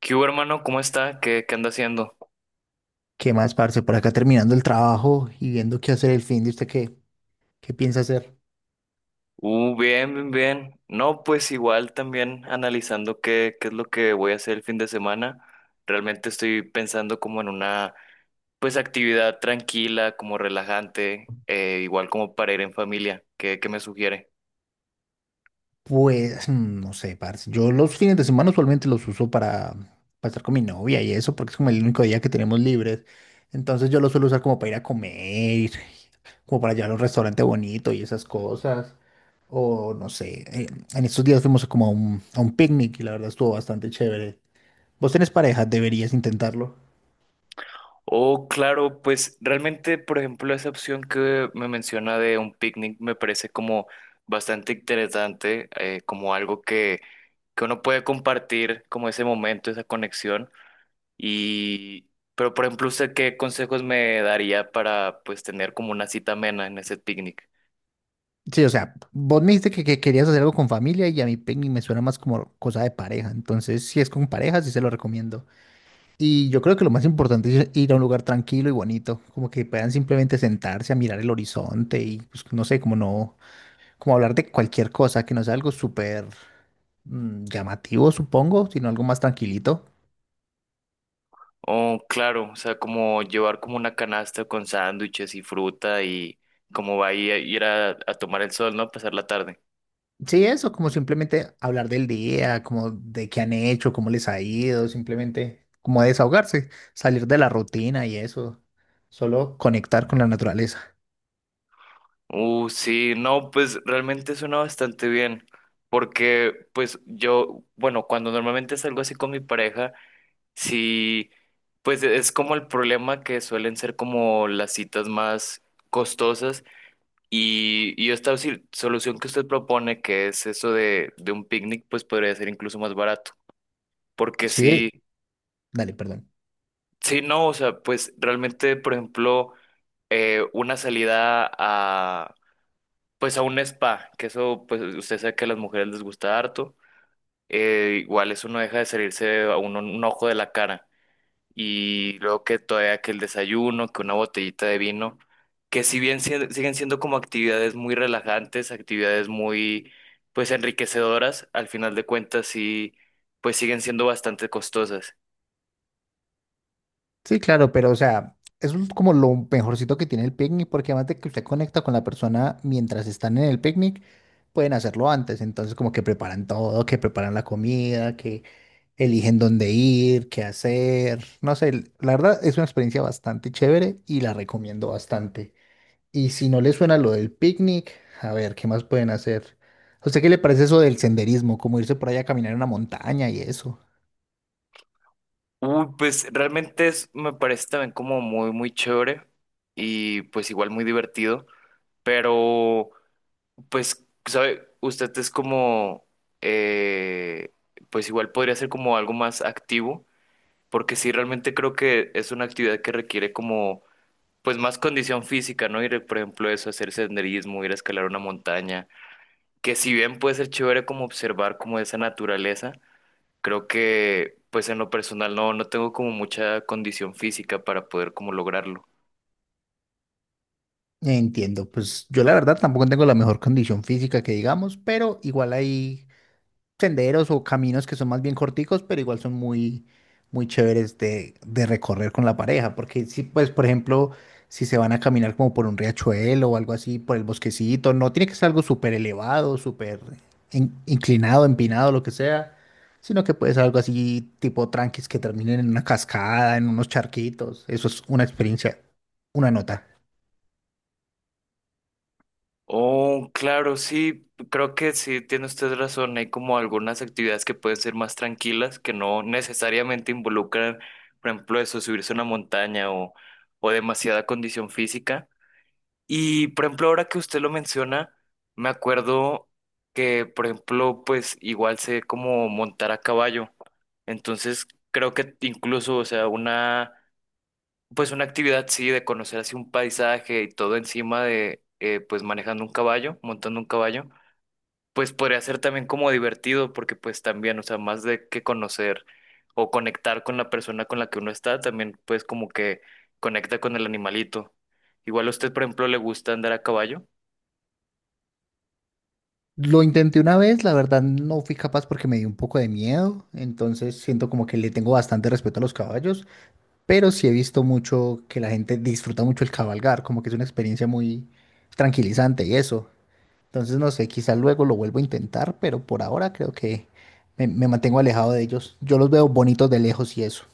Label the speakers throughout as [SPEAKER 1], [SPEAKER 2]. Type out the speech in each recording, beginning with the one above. [SPEAKER 1] ¿Qué hubo, hermano? ¿Cómo está? ¿Qué anda haciendo?
[SPEAKER 2] ¿Qué más, parce? Por acá terminando el trabajo y viendo qué hacer el fin de usted, ¿qué piensa hacer?
[SPEAKER 1] Bien. No, pues igual también analizando qué es lo que voy a hacer el fin de semana. Realmente estoy pensando como en una, pues, actividad tranquila, como relajante, igual como para ir en familia. ¿Qué me sugiere?
[SPEAKER 2] Pues, no sé, parce. Yo los fines de semana usualmente los uso para estar con mi novia y eso, porque es como el único día que tenemos libres. Entonces yo los suelo usar como para ir a comer, como para llevar a un restaurante bonito y esas cosas. O no sé, en estos días fuimos como a un picnic y la verdad estuvo bastante chévere. ¿Vos tenés pareja? Deberías intentarlo.
[SPEAKER 1] Oh, claro, pues realmente, por ejemplo, esa opción que me menciona de un picnic me parece como bastante interesante, como algo que uno puede compartir, como ese momento, esa conexión. Y, pero por ejemplo, ¿usted qué consejos me daría para pues tener como una cita amena en ese picnic?
[SPEAKER 2] Sí, o sea, vos me dijiste que querías hacer algo con familia y a mí picnic me suena más como cosa de pareja. Entonces, si es con pareja, sí se lo recomiendo. Y yo creo que lo más importante es ir a un lugar tranquilo y bonito, como que puedan simplemente sentarse a mirar el horizonte y pues, no sé, como no, como hablar de cualquier cosa que no sea algo súper llamativo, supongo, sino algo más tranquilito.
[SPEAKER 1] Oh, claro, o sea, como llevar como una canasta con sándwiches y fruta y como va a ir a tomar el sol, ¿no? A pasar la tarde.
[SPEAKER 2] Sí, eso, como simplemente hablar del día, como de qué han hecho, cómo les ha ido, simplemente como desahogarse, salir de la rutina y eso, solo conectar con la naturaleza.
[SPEAKER 1] Sí, no, pues realmente suena bastante bien, porque pues yo, bueno, cuando normalmente salgo así con mi pareja, sí, pues es como el problema que suelen ser como las citas más costosas. Y esta solución que usted propone, que es eso de un picnic, pues podría ser incluso más barato. Porque
[SPEAKER 2] Sí,
[SPEAKER 1] sí,
[SPEAKER 2] dale, perdón.
[SPEAKER 1] sí, no, o sea, pues realmente, por ejemplo, una salida pues a un spa, que eso, pues usted sabe que a las mujeres les gusta harto, igual eso no deja de salirse a uno un ojo de la cara. Y luego que todavía que el desayuno, que una botellita de vino, que si bien siguen siendo como actividades muy relajantes, actividades muy pues enriquecedoras, al final de cuentas sí pues siguen siendo bastante costosas.
[SPEAKER 2] Sí, claro, pero o sea, eso es como lo mejorcito que tiene el picnic, porque además de que usted conecta con la persona mientras están en el picnic, pueden hacerlo antes, entonces como que preparan todo, que preparan la comida, eligen dónde ir, qué hacer. No sé, la verdad es una experiencia bastante chévere y la recomiendo bastante. Y si no les suena lo del picnic, a ver, ¿qué más pueden hacer? ¿A usted qué le parece eso del senderismo? Como irse por allá a caminar en una montaña y eso.
[SPEAKER 1] Uy, pues realmente es, me parece también como muy muy chévere y pues igual muy divertido, pero pues sabe, usted es como eh, pues igual podría ser como algo más activo porque sí realmente creo que es una actividad que requiere como pues más condición física, ¿no? Ir, por ejemplo, eso, hacer senderismo, ir a escalar una montaña, que si bien puede ser chévere como observar como esa naturaleza, creo que pues en lo personal no, no tengo como mucha condición física para poder como lograrlo.
[SPEAKER 2] Entiendo, pues yo la verdad tampoco tengo la mejor condición física que digamos, pero igual ahí senderos o caminos que son más bien corticos, pero igual son muy, muy chéveres de recorrer con la pareja, porque si, pues, por ejemplo, si se van a caminar como por un riachuelo o algo así, por el bosquecito, no tiene que ser algo súper elevado, súper inclinado, empinado, lo que sea, sino que puede ser algo así tipo tranquis que terminen en una cascada, en unos charquitos, eso es una experiencia, una nota.
[SPEAKER 1] Oh, claro, sí, creo que sí, tiene usted razón, hay como algunas actividades que pueden ser más tranquilas, que no necesariamente involucran, por ejemplo, eso, subirse a una montaña o demasiada condición física. Y por ejemplo, ahora que usted lo menciona, me acuerdo que, por ejemplo, pues igual sé cómo montar a caballo. Entonces, creo que incluso, o sea, una, pues una actividad, sí, de conocer así un paisaje y todo encima de, pues manejando un caballo, montando un caballo, pues podría ser también como divertido, porque pues también, o sea, más de que conocer o conectar con la persona con la que uno está, también pues como que conecta con el animalito. Igual a usted, por ejemplo, le gusta andar a caballo.
[SPEAKER 2] Lo intenté una vez, la verdad no fui capaz porque me dio un poco de miedo, entonces siento como que le tengo bastante respeto a los caballos, pero sí he visto mucho que la gente disfruta mucho el cabalgar, como que es una experiencia muy tranquilizante y eso. Entonces no sé, quizás luego lo vuelvo a intentar, pero por ahora creo que me mantengo alejado de ellos. Yo los veo bonitos de lejos y eso.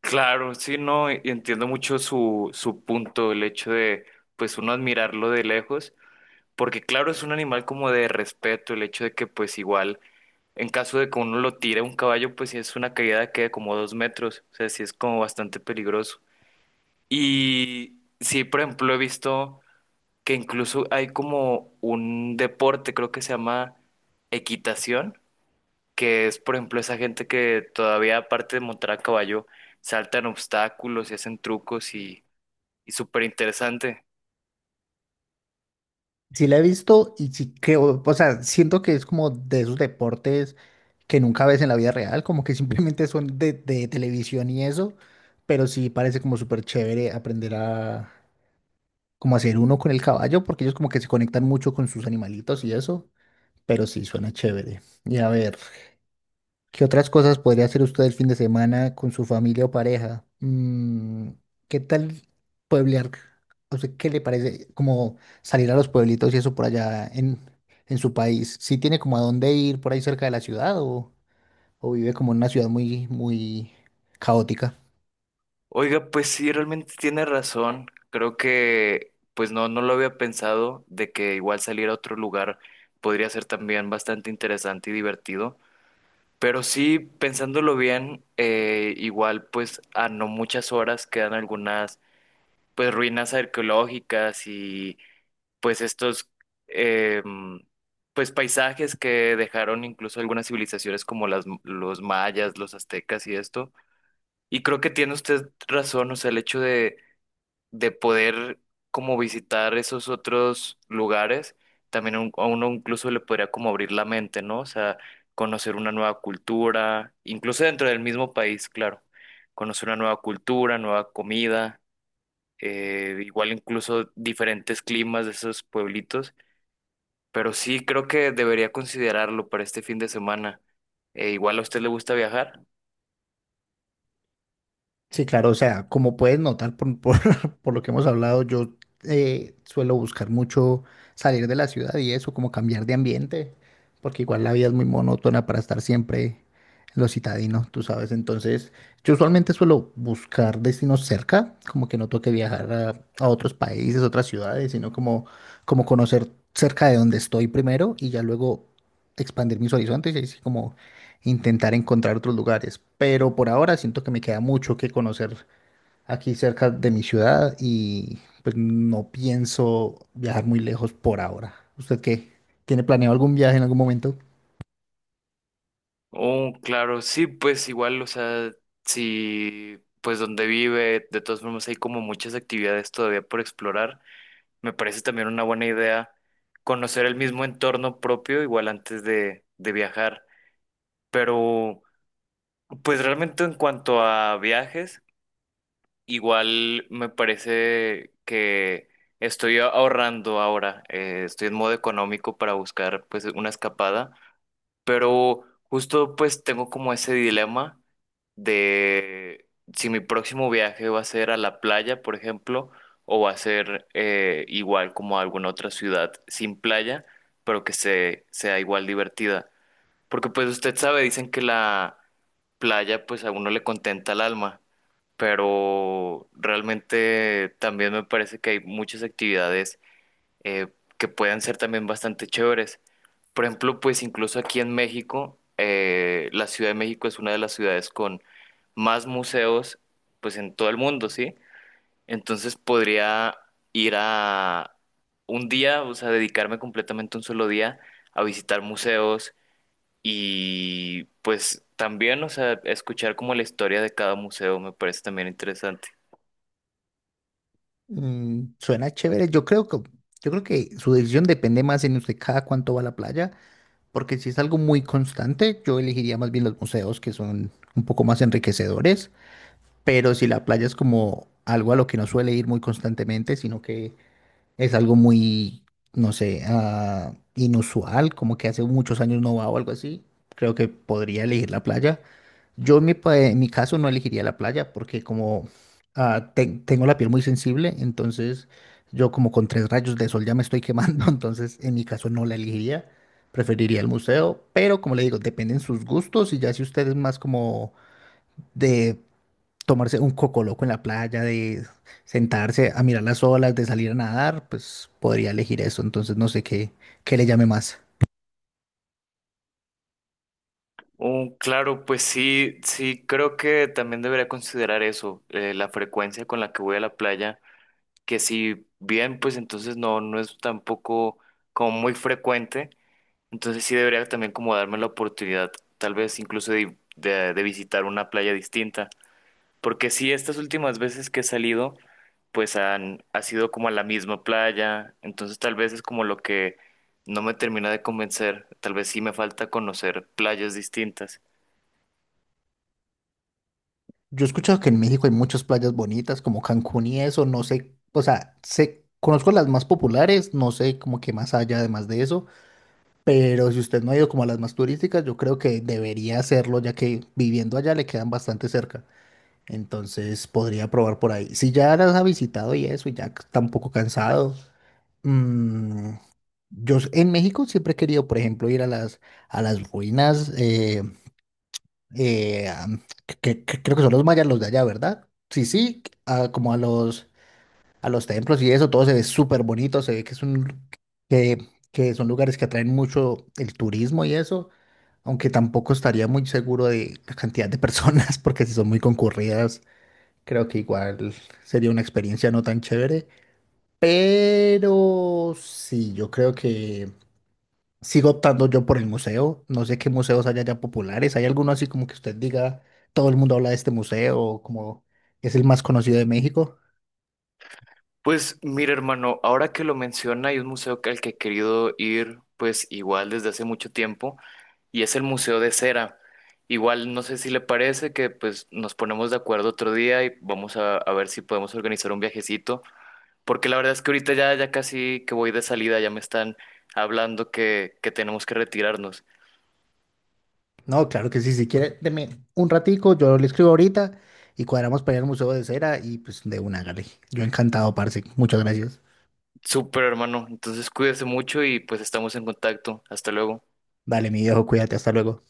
[SPEAKER 1] Claro, sí, no, y entiendo mucho su punto, el hecho de, pues, uno admirarlo de lejos, porque claro, es un animal como de respeto, el hecho de que, pues, igual, en caso de que uno lo tire a un caballo, pues, si es una caída que de como 2 metros, o sea, sí es como bastante peligroso. Y sí, por ejemplo, he visto que incluso hay como un deporte, creo que se llama equitación, que es, por ejemplo, esa gente que todavía, aparte de montar a caballo, saltan obstáculos y hacen trucos y súper interesante.
[SPEAKER 2] Sí la he visto y sí creo, o sea, siento que es como de esos deportes que nunca ves en la vida real, como que simplemente son de televisión y eso, pero sí parece como súper chévere aprender a como hacer uno con el caballo, porque ellos como que se conectan mucho con sus animalitos y eso, pero sí suena chévere. Y a ver. ¿Qué otras cosas podría hacer usted el fin de semana con su familia o pareja? ¿Qué tal pueblear? O sea, ¿qué le parece como salir a los pueblitos y eso por allá en su país? ¿Sí tiene como a dónde ir por ahí cerca de la ciudad o vive como en una ciudad muy, muy caótica?
[SPEAKER 1] Oiga, pues sí, realmente tiene razón. Creo que, pues no, no lo había pensado de que igual salir a otro lugar podría ser también bastante interesante y divertido. Pero sí, pensándolo bien, igual pues a no muchas horas quedan algunas pues ruinas arqueológicas y pues estos eh, pues paisajes que dejaron incluso algunas civilizaciones como los mayas, los aztecas y esto. Y creo que tiene usted razón, o sea, el hecho de poder como visitar esos otros lugares, también a a uno incluso le podría como abrir la mente, ¿no? O sea, conocer una nueva cultura, incluso dentro del mismo país, claro, conocer una nueva cultura, nueva comida, igual incluso diferentes climas de esos pueblitos. Pero sí, creo que debería considerarlo para este fin de semana. Igual a usted le gusta viajar.
[SPEAKER 2] Sí, claro, o sea, como puedes notar por lo que hemos hablado, yo suelo buscar mucho salir de la ciudad y eso, como cambiar de ambiente, porque igual la vida es muy monótona para estar siempre en lo citadino, tú sabes. Entonces, yo usualmente suelo buscar destinos cerca, como que no toque viajar a otros países, otras ciudades, como conocer cerca de donde estoy primero y ya luego expandir mis horizontes y así como intentar encontrar otros lugares. Pero por ahora siento que me queda mucho que conocer aquí cerca de mi ciudad y pues no pienso viajar muy lejos por ahora. ¿Usted qué? ¿Tiene planeado algún viaje en algún momento?
[SPEAKER 1] Oh, claro, sí, pues igual, o sea, si pues donde vive, de todas formas hay como muchas actividades todavía por explorar. Me parece también una buena idea conocer el mismo entorno propio, igual antes de viajar. Pero, pues realmente en cuanto a viajes. Igual me parece que estoy ahorrando ahora, estoy en modo económico para buscar pues una escapada, pero justo pues tengo como ese dilema de si mi próximo viaje va a ser a la playa, por ejemplo, o va a ser igual como a alguna otra ciudad sin playa, pero que sea igual divertida. Porque pues usted sabe, dicen que la playa pues a uno le contenta el alma, pero realmente también me parece que hay muchas actividades eh, que pueden ser también bastante chéveres. Por ejemplo, pues incluso aquí en México, la Ciudad de México es una de las ciudades con más museos, pues en todo el mundo, ¿sí? Entonces podría ir a un día, o sea, dedicarme completamente un solo día a visitar museos y pues también, o sea, escuchar como la historia de cada museo me parece también interesante.
[SPEAKER 2] Suena chévere. Yo creo que su decisión depende más en usted cada cuánto va a la playa, porque si es algo muy constante, yo elegiría más bien los museos que son un poco más enriquecedores. Pero si la playa es como algo a lo que no suele ir muy constantemente, sino que es algo muy, no sé, inusual, como que hace muchos años no va o algo así. Creo que podría elegir la playa. Yo en en mi caso no elegiría la playa porque como tengo la piel muy sensible, entonces yo como con tres rayos de sol ya me estoy quemando, entonces en mi caso no la elegiría. Preferiría el museo, pero como le digo, dependen sus gustos y ya si usted es más como de tomarse un cocoloco en la playa, de sentarse a mirar las olas, de salir a nadar, pues podría elegir eso. Entonces no sé qué le llame más.
[SPEAKER 1] Oh, claro, pues sí, sí, creo que también debería considerar eso, la frecuencia con la que voy a la playa, que si bien, pues entonces no, no es tampoco como muy frecuente, entonces sí debería también como darme la oportunidad, tal vez incluso de visitar una playa distinta, porque sí, estas últimas veces que he salido, pues han, ha sido como a la misma playa, entonces tal vez es como lo que no me termina de convencer, tal vez sí me falta conocer playas distintas.
[SPEAKER 2] Yo he escuchado que en México hay muchas playas bonitas, como Cancún y eso, no sé, o sea, sé, conozco las más populares, no sé como que más allá además de eso, pero si usted no ha ido como a las más turísticas, yo creo que debería hacerlo, ya que viviendo allá le quedan bastante cerca. Entonces podría probar por ahí. Si ya las ha visitado y eso, y ya tampoco cansado. Mm, Yo en México siempre he querido, por ejemplo, ir a las ruinas, eh, a- que, creo que son los mayas los de allá, ¿verdad? Sí, sí, como a los templos y eso, todo se ve súper bonito, se ve que es que, que son lugares que atraen mucho el turismo y eso, aunque tampoco estaría muy seguro de la cantidad de personas, porque si son muy concurridas, creo que igual sería una experiencia no tan chévere, pero sí, yo creo que... Sigo optando yo por el museo. No sé qué museos hay allá populares. ¿Hay alguno así como que usted diga, todo el mundo habla de este museo, o como es el más conocido de México?
[SPEAKER 1] Pues mira, hermano, ahora que lo menciona, hay un museo al que he querido ir, pues igual desde hace mucho tiempo, y es el Museo de Cera. Igual, no sé si le parece que pues nos ponemos de acuerdo otro día y vamos a ver si podemos organizar un viajecito, porque la verdad es que ahorita ya casi que voy de salida, ya me están hablando que tenemos que retirarnos.
[SPEAKER 2] No, claro que sí. Si quiere, deme un ratico, yo le escribo ahorita y cuadramos para ir al Museo de Cera y pues de una, hágale. Yo encantado, parce. Muchas gracias.
[SPEAKER 1] Súper, hermano, entonces cuídese mucho y pues estamos en contacto. Hasta luego.
[SPEAKER 2] Dale, mi viejo, cuídate, hasta luego.